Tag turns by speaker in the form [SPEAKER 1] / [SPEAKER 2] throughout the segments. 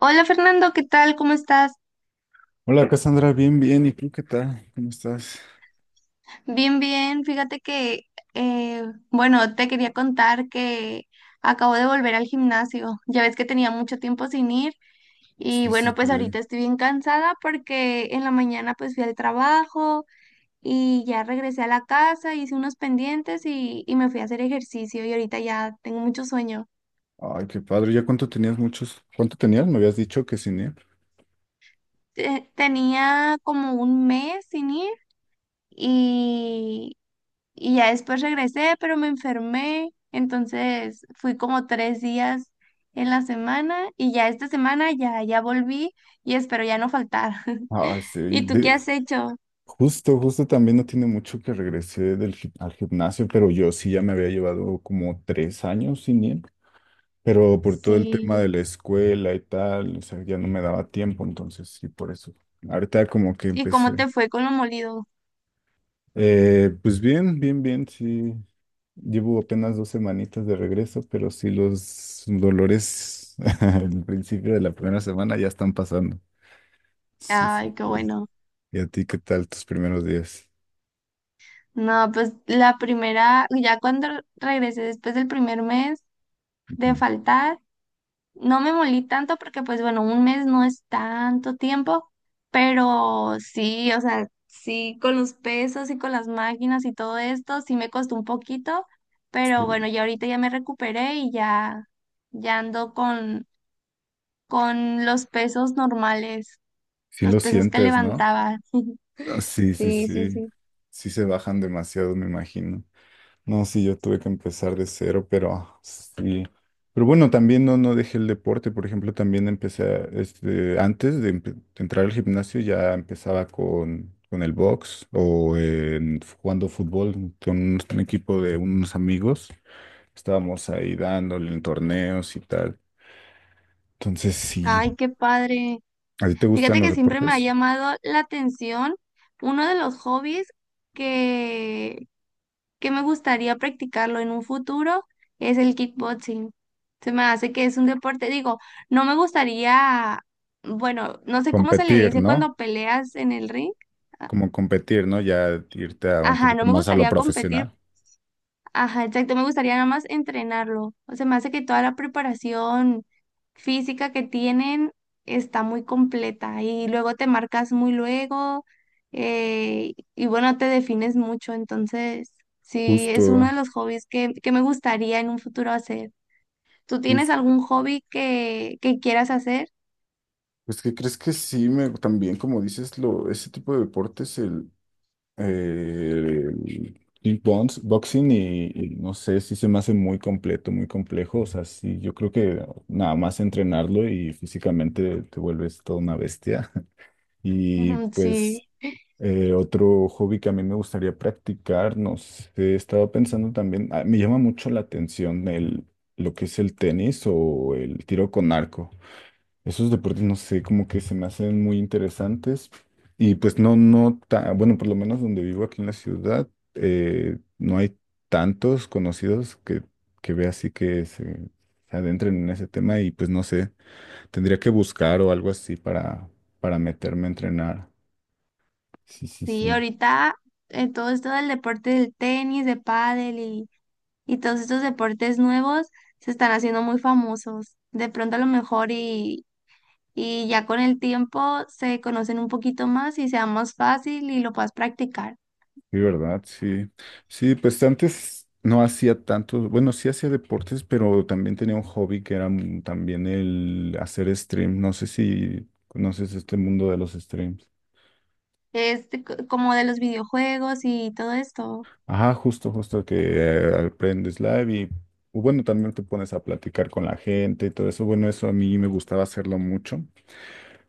[SPEAKER 1] Hola Fernando, ¿qué tal? ¿Cómo estás?
[SPEAKER 2] Hola Cassandra, bien, bien. ¿Y tú qué tal? ¿Cómo estás?
[SPEAKER 1] Bien, bien. Fíjate que, eh, bueno, te quería contar que acabo de volver al gimnasio. Ya ves que tenía mucho tiempo sin ir y
[SPEAKER 2] Sí, sí,
[SPEAKER 1] bueno, pues
[SPEAKER 2] sí.
[SPEAKER 1] ahorita estoy bien cansada porque en la mañana pues fui al trabajo y ya regresé a la casa, hice unos pendientes y me fui a hacer ejercicio y ahorita ya tengo mucho sueño.
[SPEAKER 2] Ay, qué padre. ¿Ya cuánto tenías muchos? ¿Cuánto tenías? Me habías dicho que cine.
[SPEAKER 1] Tenía como un mes sin ir. y Y ya después regresé, pero me enfermé. Entonces fui como tres días en la semana y ya esta semana ya volví y espero ya no faltar.
[SPEAKER 2] Ay, sí.
[SPEAKER 1] ¿Y tú qué has hecho?
[SPEAKER 2] Justo, justo también no tiene mucho que regresé al gimnasio, pero yo sí ya me había llevado como tres años sin ir, pero por todo el tema de
[SPEAKER 1] Sí.
[SPEAKER 2] la escuela y tal, o sea, ya no me daba tiempo, entonces sí, por eso. Ahorita como que
[SPEAKER 1] ¿Y cómo
[SPEAKER 2] empecé.
[SPEAKER 1] te fue con lo molido?
[SPEAKER 2] Pues bien, bien, bien, sí. Llevo apenas dos semanitas de regreso, pero sí los dolores al principio de la primera semana ya están pasando. Sí, sí,
[SPEAKER 1] Ay, qué
[SPEAKER 2] sí.
[SPEAKER 1] bueno.
[SPEAKER 2] ¿Y a ti qué tal tus primeros días?
[SPEAKER 1] No, pues la primera, ya cuando regresé después del primer mes de
[SPEAKER 2] Ujú.
[SPEAKER 1] faltar, no me molí tanto porque, pues bueno, un mes no es tanto tiempo, pero sí, o sea, sí, con los pesos y con las máquinas y todo esto, sí me costó un poquito, pero
[SPEAKER 2] Sí,
[SPEAKER 1] bueno, ya ahorita ya me recuperé y ya, ya ando con los pesos normales,
[SPEAKER 2] sí
[SPEAKER 1] los
[SPEAKER 2] lo
[SPEAKER 1] pesos que
[SPEAKER 2] sientes, ¿no?
[SPEAKER 1] levantaba.
[SPEAKER 2] Ah, sí, sí,
[SPEAKER 1] Sí, sí,
[SPEAKER 2] sí.
[SPEAKER 1] sí.
[SPEAKER 2] Sí se bajan demasiado, me imagino. No, sí, yo tuve que empezar de cero, pero sí. Pero bueno, también no, no dejé el deporte. Por ejemplo, también empecé, este, de entrar al gimnasio, ya empezaba con el box jugando fútbol con un equipo de unos amigos. Estábamos ahí dándole en torneos y tal. Entonces, sí.
[SPEAKER 1] Ay, qué padre.
[SPEAKER 2] ¿A ti te gustan
[SPEAKER 1] Fíjate
[SPEAKER 2] los
[SPEAKER 1] que siempre me ha
[SPEAKER 2] deportes?
[SPEAKER 1] llamado la atención uno de los hobbies que que me gustaría practicarlo en un futuro es el kickboxing. Se me hace que es un deporte, digo, no me gustaría, bueno, no sé cómo se le
[SPEAKER 2] Competir,
[SPEAKER 1] dice
[SPEAKER 2] ¿no?
[SPEAKER 1] cuando peleas en el ring. A-
[SPEAKER 2] Como competir, ¿no? Ya irte a un
[SPEAKER 1] Ajá,
[SPEAKER 2] poquito
[SPEAKER 1] no me
[SPEAKER 2] más a lo
[SPEAKER 1] gustaría competir.
[SPEAKER 2] profesional.
[SPEAKER 1] Ajá, exacto, me gustaría nada más entrenarlo. O sea, me hace que toda la preparación física que tienen está muy completa y luego te marcas muy luego, y bueno, te defines mucho. Entonces, sí, es uno
[SPEAKER 2] Justo.
[SPEAKER 1] de los hobbies que me gustaría en un futuro hacer. ¿Tú tienes
[SPEAKER 2] Justo.
[SPEAKER 1] algún hobby que quieras hacer?
[SPEAKER 2] Pues que crees que sí, me, también como dices, lo, ese tipo de deportes, el boxing y no sé, sí se me hace muy completo, muy complejo. O sea, sí, yo creo que nada más entrenarlo y físicamente te vuelves toda una bestia. Y
[SPEAKER 1] Ujú. Sí,
[SPEAKER 2] pues otro hobby que a mí me gustaría practicar, no sé, estaba pensando también, ah, me llama mucho la atención el, lo que es el tenis o el tiro con arco. Esos deportes, no sé, como que se me hacen muy interesantes. Y pues no, no, ta- bueno, por lo menos donde vivo aquí en la ciudad, no hay tantos conocidos que vea así se adentren en ese tema y pues no sé, tendría que buscar o algo así para meterme a entrenar. Sí, sí,
[SPEAKER 1] sí,
[SPEAKER 2] sí.
[SPEAKER 1] ahorita, todo esto del deporte del tenis, de pádel y todos estos deportes nuevos se están haciendo muy famosos. De pronto a lo mejor y ya con el tiempo se conocen un poquito más y sea más fácil y lo puedas practicar.
[SPEAKER 2] Sí, ¿verdad? Sí. Sí, pues antes no hacía tanto, bueno, sí hacía deportes, pero también tenía un hobby que era también el hacer stream. No sé si conoces este mundo de los streams.
[SPEAKER 1] Es como de los videojuegos y todo esto.
[SPEAKER 2] Ajá, justo, justo que aprendes live y o bueno, también te pones a platicar con la gente y todo eso. Bueno, eso a mí me gustaba hacerlo mucho,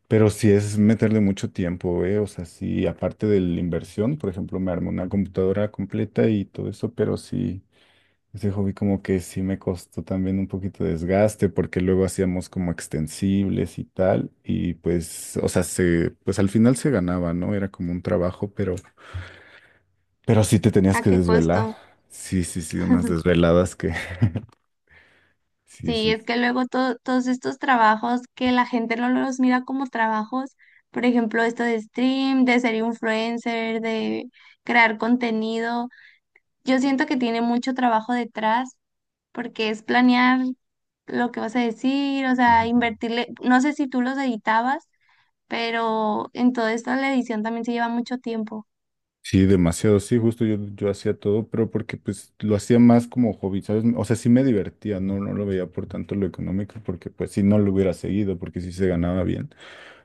[SPEAKER 2] pero sí es meterle mucho tiempo, ¿eh? O sea, sí, aparte de la inversión, por ejemplo, me armé una computadora completa y todo eso, pero sí. Ese hobby como que sí me costó también un poquito de desgaste porque luego hacíamos como extensibles y tal y pues, o sea, se, pues al final se ganaba, ¿no? Era como un trabajo, pero sí te tenías
[SPEAKER 1] ¿A
[SPEAKER 2] que
[SPEAKER 1] qué
[SPEAKER 2] desvelar.
[SPEAKER 1] costo?
[SPEAKER 2] Sí, sí, sí, unas desveladas que, sí,
[SPEAKER 1] Sí,
[SPEAKER 2] sí.
[SPEAKER 1] es que luego todos estos trabajos que la gente no los mira como trabajos, por ejemplo, esto de stream, de ser influencer, de crear contenido, yo siento que tiene mucho trabajo detrás porque es planear lo que vas a decir, o
[SPEAKER 2] Sí.
[SPEAKER 1] sea, invertirle, no sé si tú los editabas, pero en toda esta la edición también se lleva mucho tiempo.
[SPEAKER 2] Sí, demasiado, sí, justo yo, yo hacía todo, pero porque pues lo hacía más como hobby, ¿sabes? O sea, sí me divertía, no, no lo veía por tanto lo económico, porque pues si no lo hubiera seguido, porque sí se ganaba bien.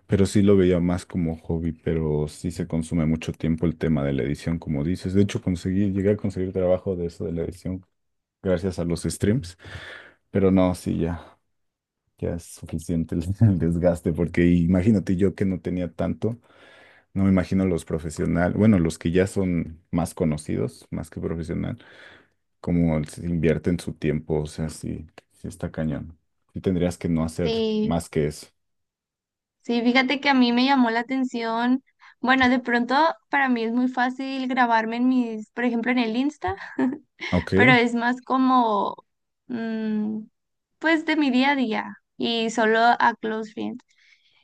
[SPEAKER 2] Pero sí lo veía más como hobby, pero sí se consume mucho tiempo el tema de la edición, como dices. De hecho, conseguí, llegué a conseguir trabajo de eso de la edición gracias a los streams, pero no, sí, ya, ya es suficiente el, el desgaste, porque imagínate yo que no tenía tanto, no me imagino los profesionales, bueno, los que ya son más conocidos, más que profesional, cómo se invierten su tiempo, o sea, sí, sí está cañón. Sí tendrías que no hacer
[SPEAKER 1] Sí,
[SPEAKER 2] más que eso.
[SPEAKER 1] sí, fíjate que a mí me llamó la atención, bueno, de pronto para mí es muy fácil grabarme en mis, por ejemplo, en el Insta, pero
[SPEAKER 2] Ok.
[SPEAKER 1] es más como, mm, pues de mi día a día y solo a close friends.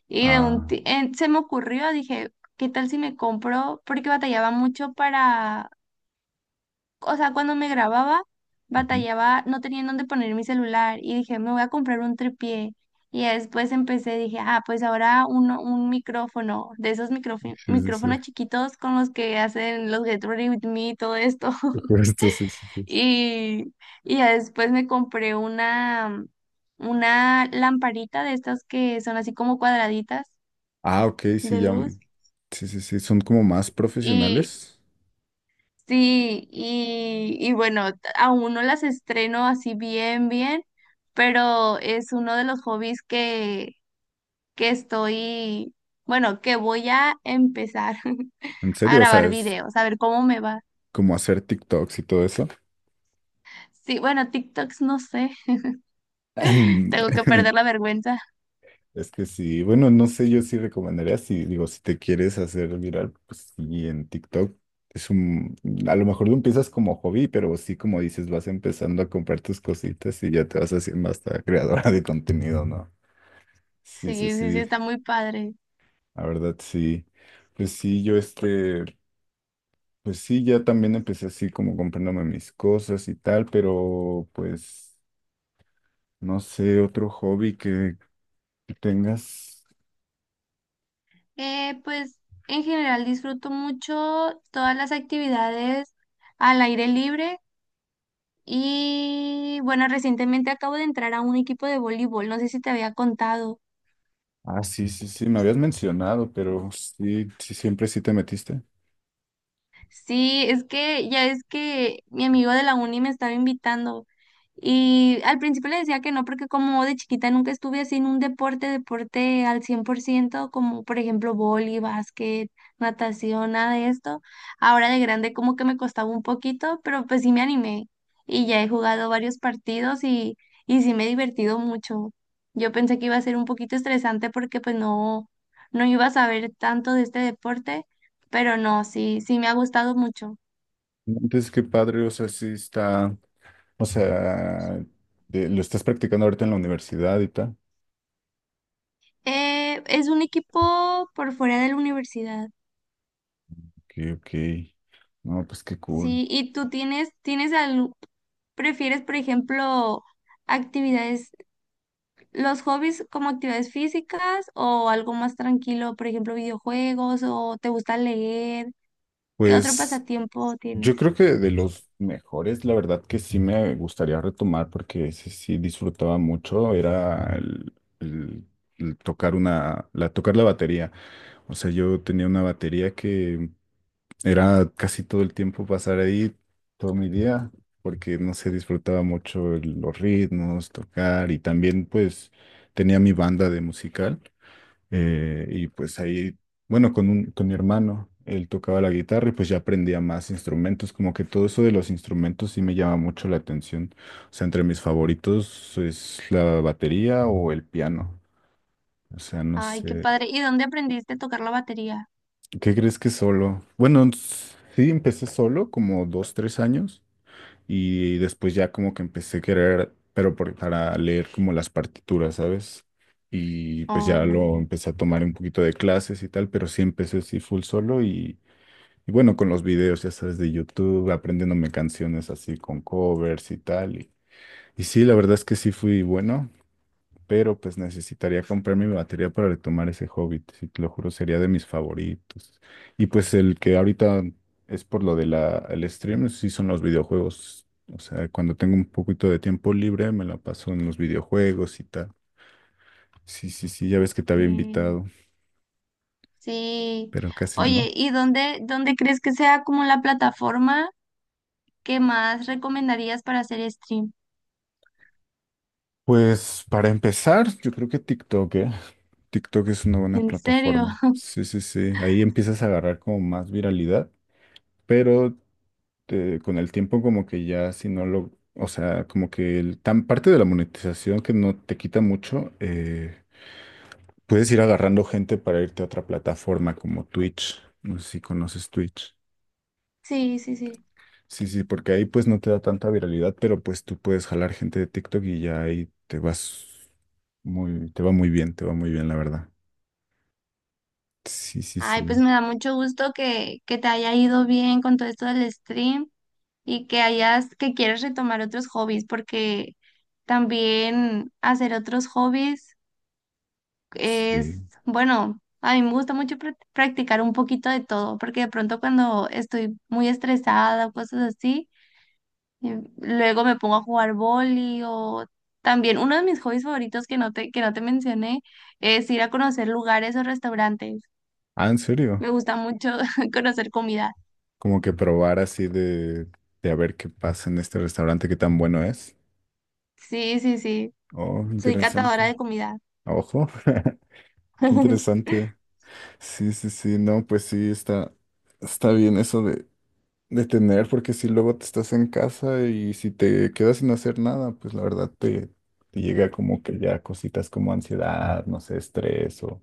[SPEAKER 1] Y de un,
[SPEAKER 2] Ah.
[SPEAKER 1] se me ocurrió, dije, ¿qué tal si me compro? Porque batallaba mucho para, o sea, cuando me grababa,
[SPEAKER 2] Ujú.
[SPEAKER 1] batallaba, no tenía en dónde poner mi celular y dije, me voy a comprar un tripié. Y ya después empecé, dije, ah, pues ahora uno, un micrófono, de esos
[SPEAKER 2] Sí, sí, sí.
[SPEAKER 1] micrófonos chiquitos con los que hacen los Get Ready With Me y todo esto.
[SPEAKER 2] Justo, sí, sí, sí.
[SPEAKER 1] Y, y ya después me compré una lamparita de estas que son así como cuadraditas
[SPEAKER 2] Ah, ok, sí,
[SPEAKER 1] de
[SPEAKER 2] ya.
[SPEAKER 1] luz.
[SPEAKER 2] Sí, sí, sí, son como más profesionales.
[SPEAKER 1] Sí, y bueno, aún no las estreno así bien, bien, pero es uno de los hobbies que estoy, bueno, que voy a empezar
[SPEAKER 2] ¿En
[SPEAKER 1] a
[SPEAKER 2] serio? O sea,
[SPEAKER 1] grabar
[SPEAKER 2] es
[SPEAKER 1] videos, a ver cómo me va.
[SPEAKER 2] como hacer TikToks y todo eso.
[SPEAKER 1] Sí, bueno, TikToks no sé, tengo que perder la vergüenza.
[SPEAKER 2] Es que sí, bueno, no sé, yo sí recomendaría, si digo, si te quieres hacer viral, pues sí, en TikTok. Es un, a lo mejor lo empiezas como hobby, pero sí, como dices, vas empezando a comprar tus cositas y ya te vas haciendo hasta creadora de contenido, ¿no? Sí, sí,
[SPEAKER 1] Sí, sí, sí,
[SPEAKER 2] sí,
[SPEAKER 1] está muy padre.
[SPEAKER 2] la verdad, sí. Pues sí, yo este... Pues sí, ya también empecé así como comprándome mis cosas y tal, pero pues no sé, otro hobby que tengas.
[SPEAKER 1] Pues en general disfruto mucho todas las actividades al aire libre. Y bueno, recientemente acabo de entrar a un equipo de voleibol, no sé si te había contado.
[SPEAKER 2] Ah, sí, sí, sí, me habías mencionado, pero sí, sí, siempre sí te metiste.
[SPEAKER 1] Sí, es que ya es que mi amigo de la uni me estaba invitando y al principio le decía que no porque como de chiquita nunca estuve así en un deporte, deporte al 100% como por ejemplo vóley, básquet, natación, nada de esto. Ahora de grande como que me costaba un poquito, pero pues sí me animé y ya he jugado varios partidos y sí me he divertido mucho. Yo pensé que iba a ser un poquito estresante porque pues no, no iba a saber tanto de este deporte, pero no, sí, sí me ha gustado mucho.
[SPEAKER 2] Entonces, qué padre, o sea, sí está, o sea, lo estás practicando ahorita en la universidad y tal.
[SPEAKER 1] Es un equipo por fuera de la universidad,
[SPEAKER 2] Ok, ok. No, pues qué cool.
[SPEAKER 1] sí, y tú tienes, tienes al, prefieres, por ejemplo, actividades, los hobbies como actividades físicas o algo más tranquilo, por ejemplo, videojuegos o te gusta leer, ¿qué otro
[SPEAKER 2] Pues.
[SPEAKER 1] pasatiempo
[SPEAKER 2] Yo
[SPEAKER 1] tienes?
[SPEAKER 2] creo que de los mejores, la verdad que sí me gustaría retomar porque ese sí disfrutaba mucho, era el- el tocar tocar la batería. O sea, yo tenía una batería que era casi todo el tiempo pasar ahí todo mi día porque no sé, disfrutaba mucho los ritmos, tocar y también pues tenía mi banda de musical. Y pues ahí, bueno, con mi hermano, él tocaba la guitarra y pues ya aprendía más instrumentos, como que todo eso de los instrumentos sí me llama mucho la atención. O sea, entre mis favoritos es la batería o el piano. O sea, no
[SPEAKER 1] Ay, qué
[SPEAKER 2] sé,
[SPEAKER 1] padre. ¿Y dónde aprendiste a tocar la batería?
[SPEAKER 2] ¿qué crees que solo? Bueno, sí, empecé solo como dos, tres años. Y después ya como que empecé a querer, pero para leer como las partituras, ¿sabes? Y pues ya lo
[SPEAKER 1] Oh,
[SPEAKER 2] empecé a tomar un poquito de clases y tal, pero sí empecé así full solo y bueno, con los videos, ya sabes, de YouTube, aprendiéndome canciones así con covers y tal. Y sí, la verdad es que sí fui bueno, pero pues necesitaría comprarme mi batería para retomar ese hobby. Sí, te lo juro, sería de mis favoritos. Y pues el que ahorita es por lo de el stream, sí son los videojuegos. O sea, cuando tengo un poquito de tiempo libre, me la paso en los videojuegos y tal. Sí, sí, sí, ya ves que
[SPEAKER 1] ok.
[SPEAKER 2] te había invitado,
[SPEAKER 1] Sí.
[SPEAKER 2] pero casi
[SPEAKER 1] Oye,
[SPEAKER 2] no.
[SPEAKER 1] ¿y dónde, dónde crees que sea como la plataforma? ¿Qué más recomendarías para hacer stream?
[SPEAKER 2] Pues para empezar, yo creo que TikTok, ¿eh? TikTok es una buena
[SPEAKER 1] ¿En serio?
[SPEAKER 2] plataforma. Sí, sí, sí. Ahí empiezas a agarrar como más viralidad, pero con el tiempo como que ya si no lo, o sea, como que el, tan parte de la monetización que no te quita mucho, puedes ir agarrando gente para irte a otra plataforma como Twitch. No sé si conoces Twitch.
[SPEAKER 1] Sí, sí, sí.
[SPEAKER 2] Sí, sí, porque ahí pues no te da tanta viralidad, pero pues tú puedes jalar gente de TikTok y ya ahí te vas muy, te va muy bien, te va muy bien, la verdad. Sí, sí,
[SPEAKER 1] Ay, pues
[SPEAKER 2] sí,
[SPEAKER 1] me da mucho gusto que te haya ido bien con todo esto del stream y que hayas, que quieres retomar otros hobbies, porque también hacer otros hobbies
[SPEAKER 2] sí.
[SPEAKER 1] es, bueno, a mí me gusta mucho practicar un poquito de todo, porque de pronto cuando estoy muy estresada o cosas así, luego me pongo a jugar vóley o también uno de mis hobbies favoritos que no te mencioné es ir a conocer lugares o restaurantes.
[SPEAKER 2] Ah, ¿en serio?
[SPEAKER 1] Me gusta mucho conocer comida.
[SPEAKER 2] Como que probar así de a ver qué pasa en este restaurante, qué tan bueno es.
[SPEAKER 1] Sí, sí, sí.
[SPEAKER 2] Oh,
[SPEAKER 1] Soy catadora
[SPEAKER 2] interesante.
[SPEAKER 1] de comida.
[SPEAKER 2] Ojo, qué interesante. Sí, sí, sí, no, pues sí, está, está bien eso de tener, porque si luego te estás en casa y si te quedas sin hacer nada, pues la verdad te llega como que ya cositas como ansiedad, no sé, estrés o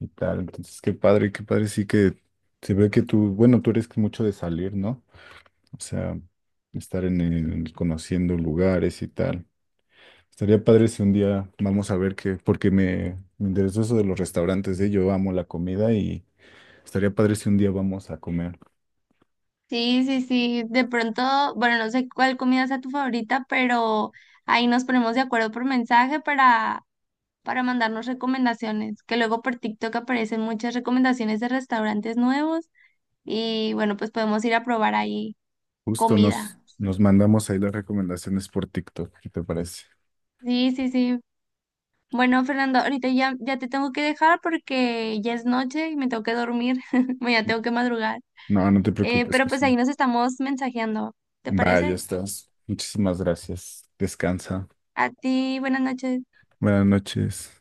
[SPEAKER 2] y tal. Entonces, qué padre, sí que se ve que tú, bueno, tú eres mucho de salir, ¿no? O sea, estar en el, conociendo lugares y tal. Estaría padre si un día vamos a ver qué, porque me interesó eso de los restaurantes, ¿eh? Yo amo la comida y estaría padre si un día vamos a comer.
[SPEAKER 1] Sí, sí, sí. De pronto, bueno, no sé cuál comida sea tu favorita, pero ahí nos ponemos de acuerdo por mensaje para mandarnos recomendaciones, que luego por TikTok aparecen muchas recomendaciones de restaurantes nuevos y bueno, pues podemos ir a probar ahí.
[SPEAKER 2] Justo nos,
[SPEAKER 1] Comida.
[SPEAKER 2] nos mandamos ahí las recomendaciones por TikTok, ¿qué te parece?
[SPEAKER 1] Sí, sí, sí. Bueno, Fernando, ahorita ya, ya te tengo que dejar porque ya es noche y me tengo que dormir. Mañana tengo que madrugar.
[SPEAKER 2] No, no te preocupes,
[SPEAKER 1] Pero pues ahí
[SPEAKER 2] Casuna.
[SPEAKER 1] nos estamos mensajeando. ¿Te
[SPEAKER 2] Vaya,
[SPEAKER 1] parece?
[SPEAKER 2] estás. Muchísimas gracias. Descansa.
[SPEAKER 1] A ti, buenas noches.
[SPEAKER 2] Buenas noches.